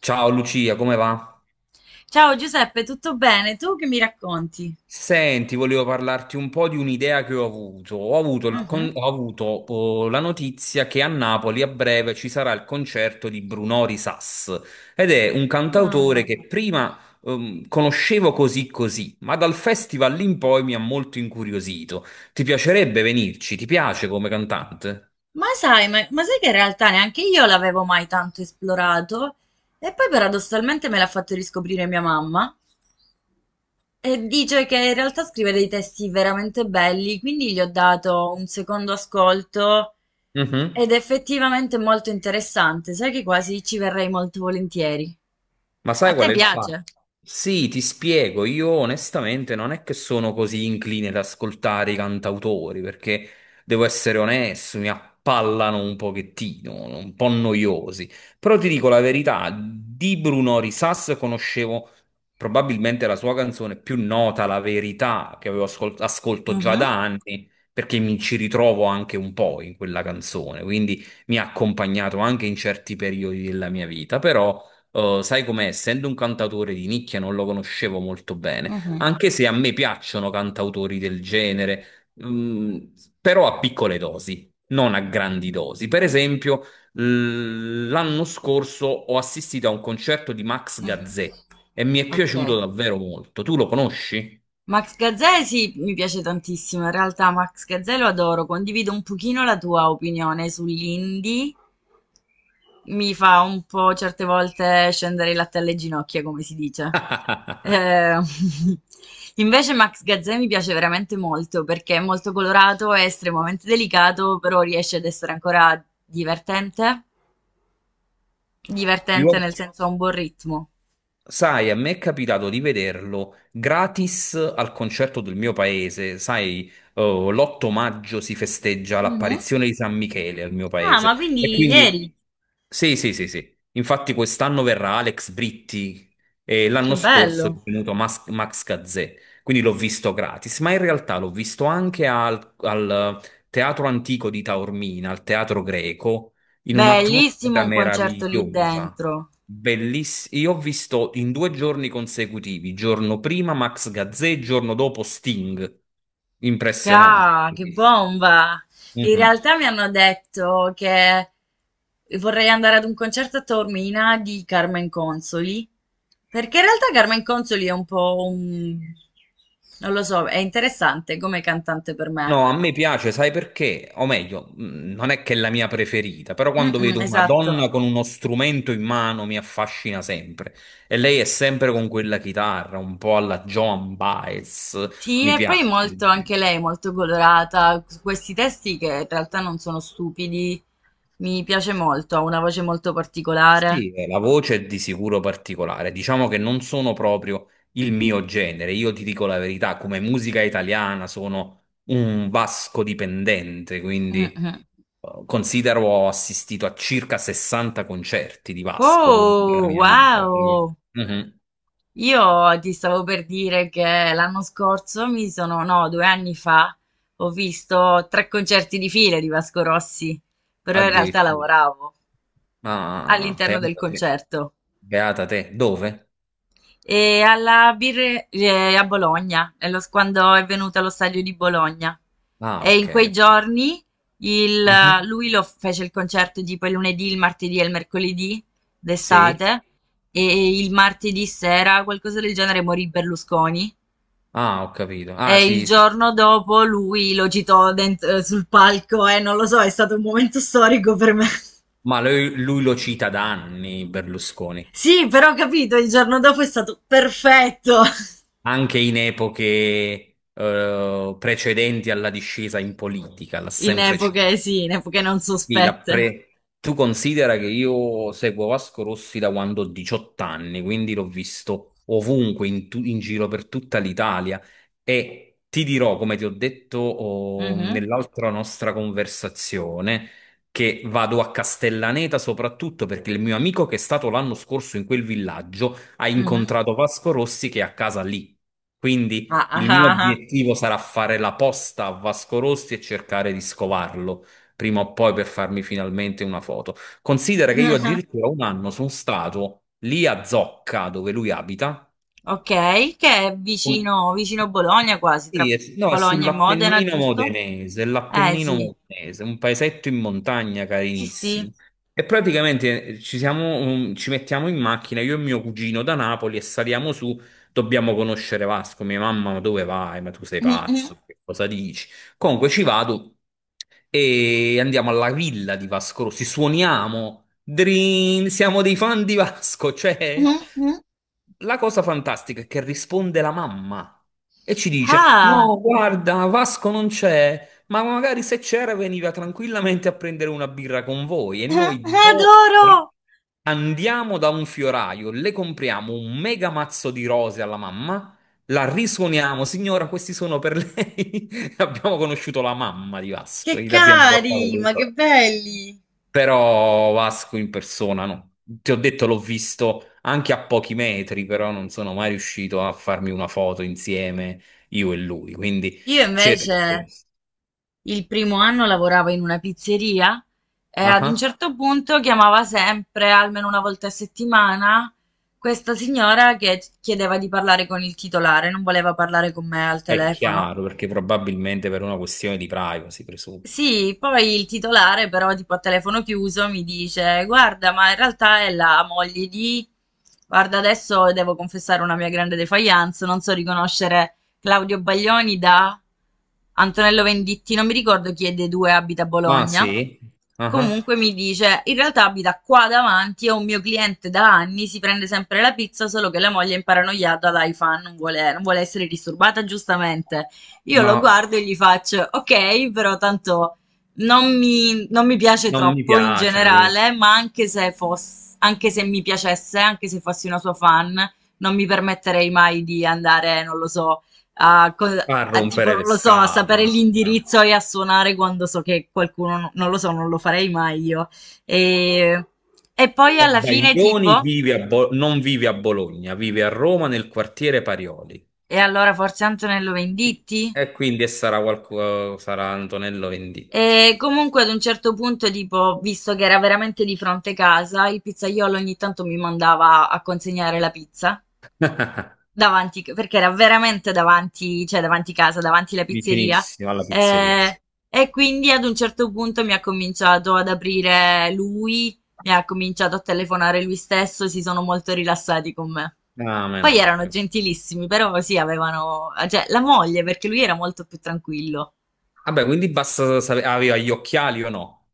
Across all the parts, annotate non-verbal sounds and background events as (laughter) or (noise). Ciao Lucia, come va? Ciao Giuseppe, tutto bene? Tu che mi racconti? Senti, volevo parlarti un po' di un'idea che ho avuto. Mhm. Ho avuto, oh, la notizia che a Napoli a breve ci sarà il concerto di Brunò Risas ed è un cantautore Ah. che prima conoscevo così così, ma dal festival in poi mi ha molto incuriosito. Ti piacerebbe venirci? Ti piace come cantante? Ma sai che in realtà neanche io l'avevo mai tanto esplorato e poi paradossalmente me l'ha fatto riscoprire mia mamma e dice che in realtà scrive dei testi veramente belli, quindi gli ho dato un secondo ascolto Mhm. ed è effettivamente molto interessante, sai che quasi ci verrei molto volentieri. Ma A sai qual te è il fatto? piace? Sì, ti spiego, io onestamente non è che sono così incline ad ascoltare i cantautori, perché devo essere onesto, mi appallano un pochettino, no, un po' noiosi. Però ti dico la verità, di Bruno Risas conoscevo probabilmente la sua canzone più nota, La Verità, che ascolto già Mhm, da anni, perché mi ci ritrovo anche un po' in quella canzone, quindi mi ha accompagnato anche in certi periodi della mia vita, però... sai com'è? Essendo un cantautore di nicchia non lo conoscevo molto bene, mhm, anche se a me piacciono cantautori del genere, però a piccole dosi, non a grandi dosi. Per esempio, l'anno scorso ho assistito a un concerto di Max mhm. Gazzè e mi è Ok. piaciuto davvero molto. Tu lo conosci? Max Gazzè sì, mi piace tantissimo, in realtà Max Gazzè lo adoro, condivido un pochino la tua opinione sull'indie, mi fa un po' certe volte scendere il latte alle ginocchia, come si dice. (laughs) Eh, (laughs) Invece Max Gazzè mi piace veramente molto perché è molto colorato, è estremamente delicato, però riesce ad essere ancora divertente, Io. divertente nel senso ha un buon ritmo. Sai, a me è capitato di vederlo gratis al concerto del mio paese. Sai, oh, l'8 maggio si festeggia Mhm. l'apparizione di San Michele al mio Ah, paese. ma E quindi ieri, quindi, sì, sì, sì, sì. Infatti quest'anno verrà Alex Britti e che l'anno scorso è bello! venuto Max Gazzè. Quindi l'ho visto gratis, ma in realtà l'ho visto anche al Teatro Antico di Taormina, al Teatro Greco, in Bellissimo un'atmosfera un concerto lì meravigliosa. dentro. Bellissimo. Io ho visto in due giorni consecutivi, giorno prima Max Gazzè, giorno dopo Sting. Impressionante. Ah, che Bellissimo. bomba! In Mhm. realtà mi hanno detto che vorrei andare ad un concerto a Taormina di Carmen Consoli, perché in realtà Carmen Consoli è un po' un... non lo so, è interessante come cantante per me. No, a me piace, sai perché? O meglio, non è che è la mia preferita, però Mm, quando mm, vedo una esatto. donna con uno strumento in mano mi affascina sempre. E lei è sempre con quella chitarra, un po' alla Joan Baez, Sì, mi e poi piace. molto anche lei, è molto colorata, su questi testi che in realtà non sono stupidi, mi piace molto, ha una voce molto particolare. Sì, la voce è di sicuro particolare. Diciamo che non sono proprio il mio genere. Io ti dico la verità, come musica italiana sono un vasco dipendente, quindi Mhm. Considero ho assistito a circa 60 concerti di Vasco durante la Oh, mia vita. Quindi wow! mhm, Io ti stavo per dire che l'anno scorso mi sono, no, 2 anni fa, ho visto 3 concerti di fila di Vasco Rossi, però in realtà addirittura. lavoravo Ah, all'interno del beata te. concerto. Beata te. Dove? E alla Birre a Bologna, quando è venuto allo stadio di Bologna. Ah, E in ok. quei Ok. giorni Mhm. lui lo fece il concerto tipo il lunedì, il martedì e il mercoledì Sì? d'estate. E il martedì sera, qualcosa del genere, morì Berlusconi. Ah, ho capito. Ah, E il sì, sì. giorno dopo lui lo citò sul palco e non lo so, è stato un momento storico per me. (laughs) Ma lui lo cita da anni, Berlusconi. Sì, però ho capito, il giorno dopo è stato perfetto. (laughs) Anche in epoche precedenti alla discesa in politica, l'ha In sempre epoche, citato. sì, in epoche non Sì, sospette. Tu considera che io seguo Vasco Rossi da quando ho 18 anni, quindi l'ho visto ovunque, in giro per tutta l'Italia. E ti dirò, come ti ho detto oh, Mhm, nell'altra nostra conversazione, che vado a Castellaneta soprattutto perché il mio amico che è stato l'anno scorso in quel villaggio ha mhm. incontrato Vasco Rossi che è a casa lì. Ah, Quindi ah, il mio ah, ah. obiettivo sarà fare la posta a Vasco Rossi e cercare di scovarlo prima o poi per farmi finalmente una foto. Considera che io (laughs) addirittura un anno sono stato lì a Zocca, dove lui abita. Ok, che è Com- vicino, vicino Bologna quasi, Sì, tra no, è Bologna e Modena, sull'Appennino giusto? modenese, Eh l'Appennino sì, modenese, un paesetto in montagna sì, sì. carinissimo. E praticamente ci siamo, ci mettiamo in macchina, io e mio cugino da Napoli e saliamo su, dobbiamo conoscere Vasco. Mia mamma, ma dove vai? Ma tu sei Mhm, mhm, pazzo, che cosa dici? Comunque ci vado e andiamo alla villa di Vasco Rossi, suoniamo, drin, siamo dei fan di Vasco, cioè mhm. Mhm. la cosa fantastica è che risponde la mamma e ci dice: Ah, no, guarda, Vasco non c'è, ma magari se c'era veniva tranquillamente a prendere una birra con voi. E (laughs) adoro! Andiamo da un fioraio, le compriamo un mega mazzo di rose alla mamma, la risuoniamo, signora, questi sono per lei. (laughs) Abbiamo conosciuto la mamma di Vasco Che e l'abbiamo portata cari, ma che dentro. belli! Però Vasco in persona no. Ti ho detto, l'ho visto anche a pochi metri, però non sono mai riuscito a farmi una foto insieme io e lui. Quindi Io cerco invece. questo. Il primo anno lavorava in una pizzeria e Ah, ad un ah. certo punto chiamava sempre, almeno una volta a settimana, questa signora che chiedeva di parlare con il titolare, non voleva parlare con me al È telefono. chiaro, perché probabilmente per una questione di privacy, presumo. Sì, poi il titolare però tipo a telefono chiuso mi dice guarda, ma in realtà è la moglie di... Guarda, adesso devo confessare una mia grande defiance, non so riconoscere Claudio Baglioni da Antonello Venditti, non mi ricordo chi è dei due abita a Ma Bologna. sì, ah, ah. Comunque mi dice, in realtà abita qua davanti, è un mio cliente da anni, si prende sempre la pizza, solo che la moglie è imparanoiata da fan non vuole, non vuole essere disturbata giustamente. Io Ma lo guardo e gli faccio: "Okay, però tanto non mi piace non mi troppo in piace, quindi generale, ma anche se foss anche se mi piacesse, anche se fossi una sua fan, non mi permetterei mai di andare, non lo so, a co fa a tipo, rompere non le lo so, a sapere scatole. l'indirizzo e a suonare quando so che qualcuno no non lo so, non lo farei mai io". Ehm, e poi Oh, alla fine Baglioni tipo vive a non vive a Bologna, vive a Roma nel quartiere Parioli. e allora forse Antonello Venditti? E quindi sarà qualcosa, sarà Antonello Venditti, E comunque ad un certo punto, tipo, visto che era veramente di fronte casa, il pizzaiolo ogni tanto mi mandava a consegnare la pizza davanti, perché era veramente davanti, cioè davanti casa, davanti la pizzeria. vicinissimo alla pizzeria. Eh, e quindi ad un certo punto mi ha cominciato ad aprire lui, mi ha cominciato a telefonare lui stesso, si sono molto rilassati con me. Ah, meno Poi erano male. gentilissimi, però sì, avevano, cioè, la moglie, perché lui era molto più tranquillo. Vabbè, quindi basta sapere, aveva gli occhiali o no?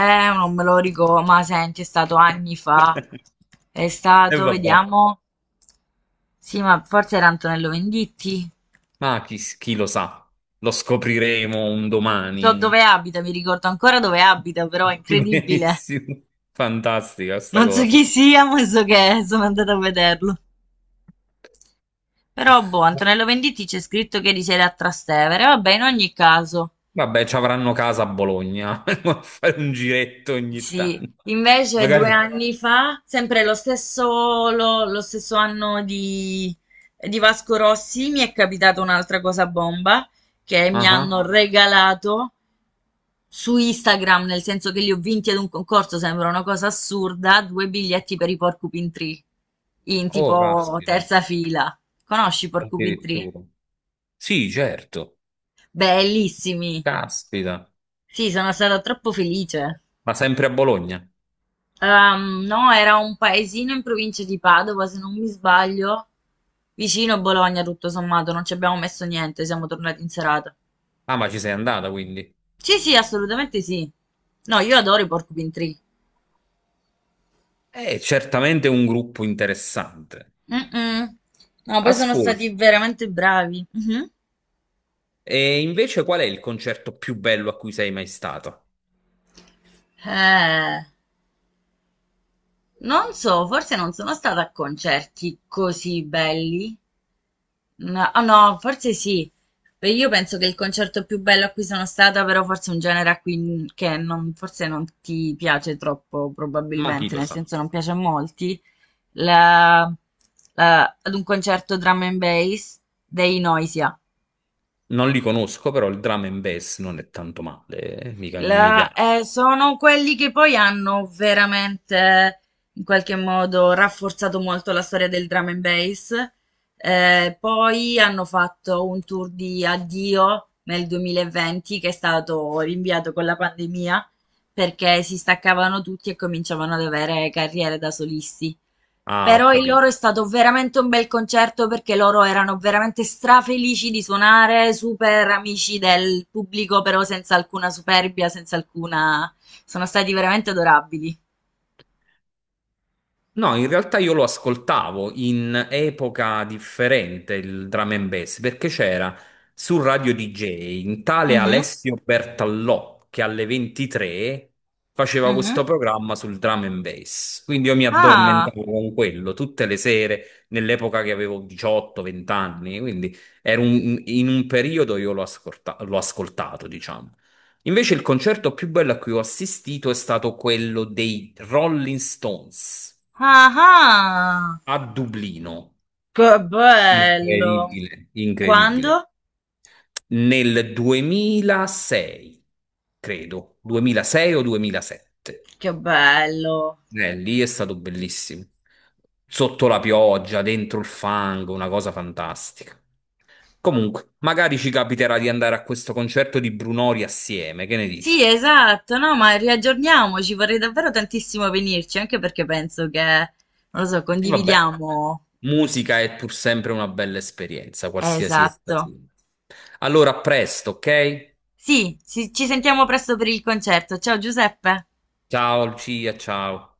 Eh, non me lo ricordo, ma senti, è stato anni fa. (laughs) È E stato, vabbè, vediamo. Sì, ma forse era Antonello Venditti. ma chi lo sa, lo scopriremo un So domani. dove abita, mi ricordo ancora dove abita, però è (laughs) incredibile. Benissimo, fantastica sta Non so chi cosa. sia, ma so che è, sono andata a vederlo. Però, boh, Antonello Venditti c'è scritto che risiede a Trastevere. Vabbè, in ogni caso. Vabbè, ci avranno casa a Bologna, (laughs) a fare un giretto ogni Sì, tanto. invece due Magari... anni fa, sempre lo stesso, lo stesso anno di Vasco Rossi, mi è capitata un'altra cosa bomba che mi Ah, hanno ah. regalato su Instagram, nel senso che li ho vinti ad un concorso, sembra una cosa assurda, 2 biglietti per i Porcupine Tree, in Oh, tipo caspita, terza fila. Conosci i Porcupine Tree? addirittura. Sì, certo. Bellissimi. Caspita. Sì, sono stata troppo felice. Ma sempre a Bologna. No, era un paesino in provincia di Padova, se non mi sbaglio, vicino a Bologna, tutto sommato, non ci abbiamo messo niente, siamo tornati in serata. Ah, ma ci sei andata quindi. Sì, sì, assolutamente sì. No, io adoro i Porcupine Tree. È certamente un gruppo interessante. Mm-mm. No, poi sono Ascolta, stati veramente bravi. Mhm. e invece qual è il concerto più bello a cui sei mai stata? Eh, non so, forse non sono stata a concerti così belli. No, ah, no, forse sì. Beh, io penso che il concerto più bello a cui sono stata, però forse è un genere a cui che non- forse non ti piace troppo, Ma chi probabilmente, lo nel sa? senso non piace a molti, la- ad un concerto drum and bass dei Noisia. Non li conosco, però il drum and bass non è tanto male, mica non mi piace. Sono quelli che poi hanno veramente in qualche modo rafforzato molto la storia del drum and bass. Poi hanno fatto un tour di addio nel 2020 che è stato rinviato con la pandemia perché si staccavano tutti e cominciavano ad avere carriere da solisti. Ah, ho Però il loro capito. è stato veramente un bel concerto perché loro erano veramente strafelici di suonare, super amici del pubblico, però senza alcuna superbia, senza alcuna... sono stati veramente adorabili. No, in realtà io lo ascoltavo in epoca differente il drum and bass perché c'era su Radio DJ un tale Mhm, Alessio Bertallò che alle 23 faceva mhm. questo programma sul drum and bass. Quindi io mi Ah, addormentavo con quello tutte le sere nell'epoca che avevo 18-20 anni. Quindi era in un periodo l'ho ascoltato, diciamo. Invece il concerto più bello a cui ho assistito è stato quello dei Rolling Stones ah, ah. a Dublino. Che bello. Incredibile. Quando? Incredibile, nel 2006, credo, 2006 o 2007. Che bello. Lì è stato bellissimo. Sotto la pioggia, dentro il fango, una cosa fantastica. Comunque, magari ci capiterà di andare a questo concerto di Brunori assieme, che ne Sì, dici? esatto, no, ma riaggiorniamoci, vorrei davvero tantissimo venirci, anche perché penso che, non lo so, E vabbè, condividiamo musica è pur sempre una bella esperienza, qualsiasi essa esatto. sia. Allora, a presto, ok? Sì, ci sentiamo presto per il concerto. Ciao Giuseppe. Ciao, Lucia, ciao.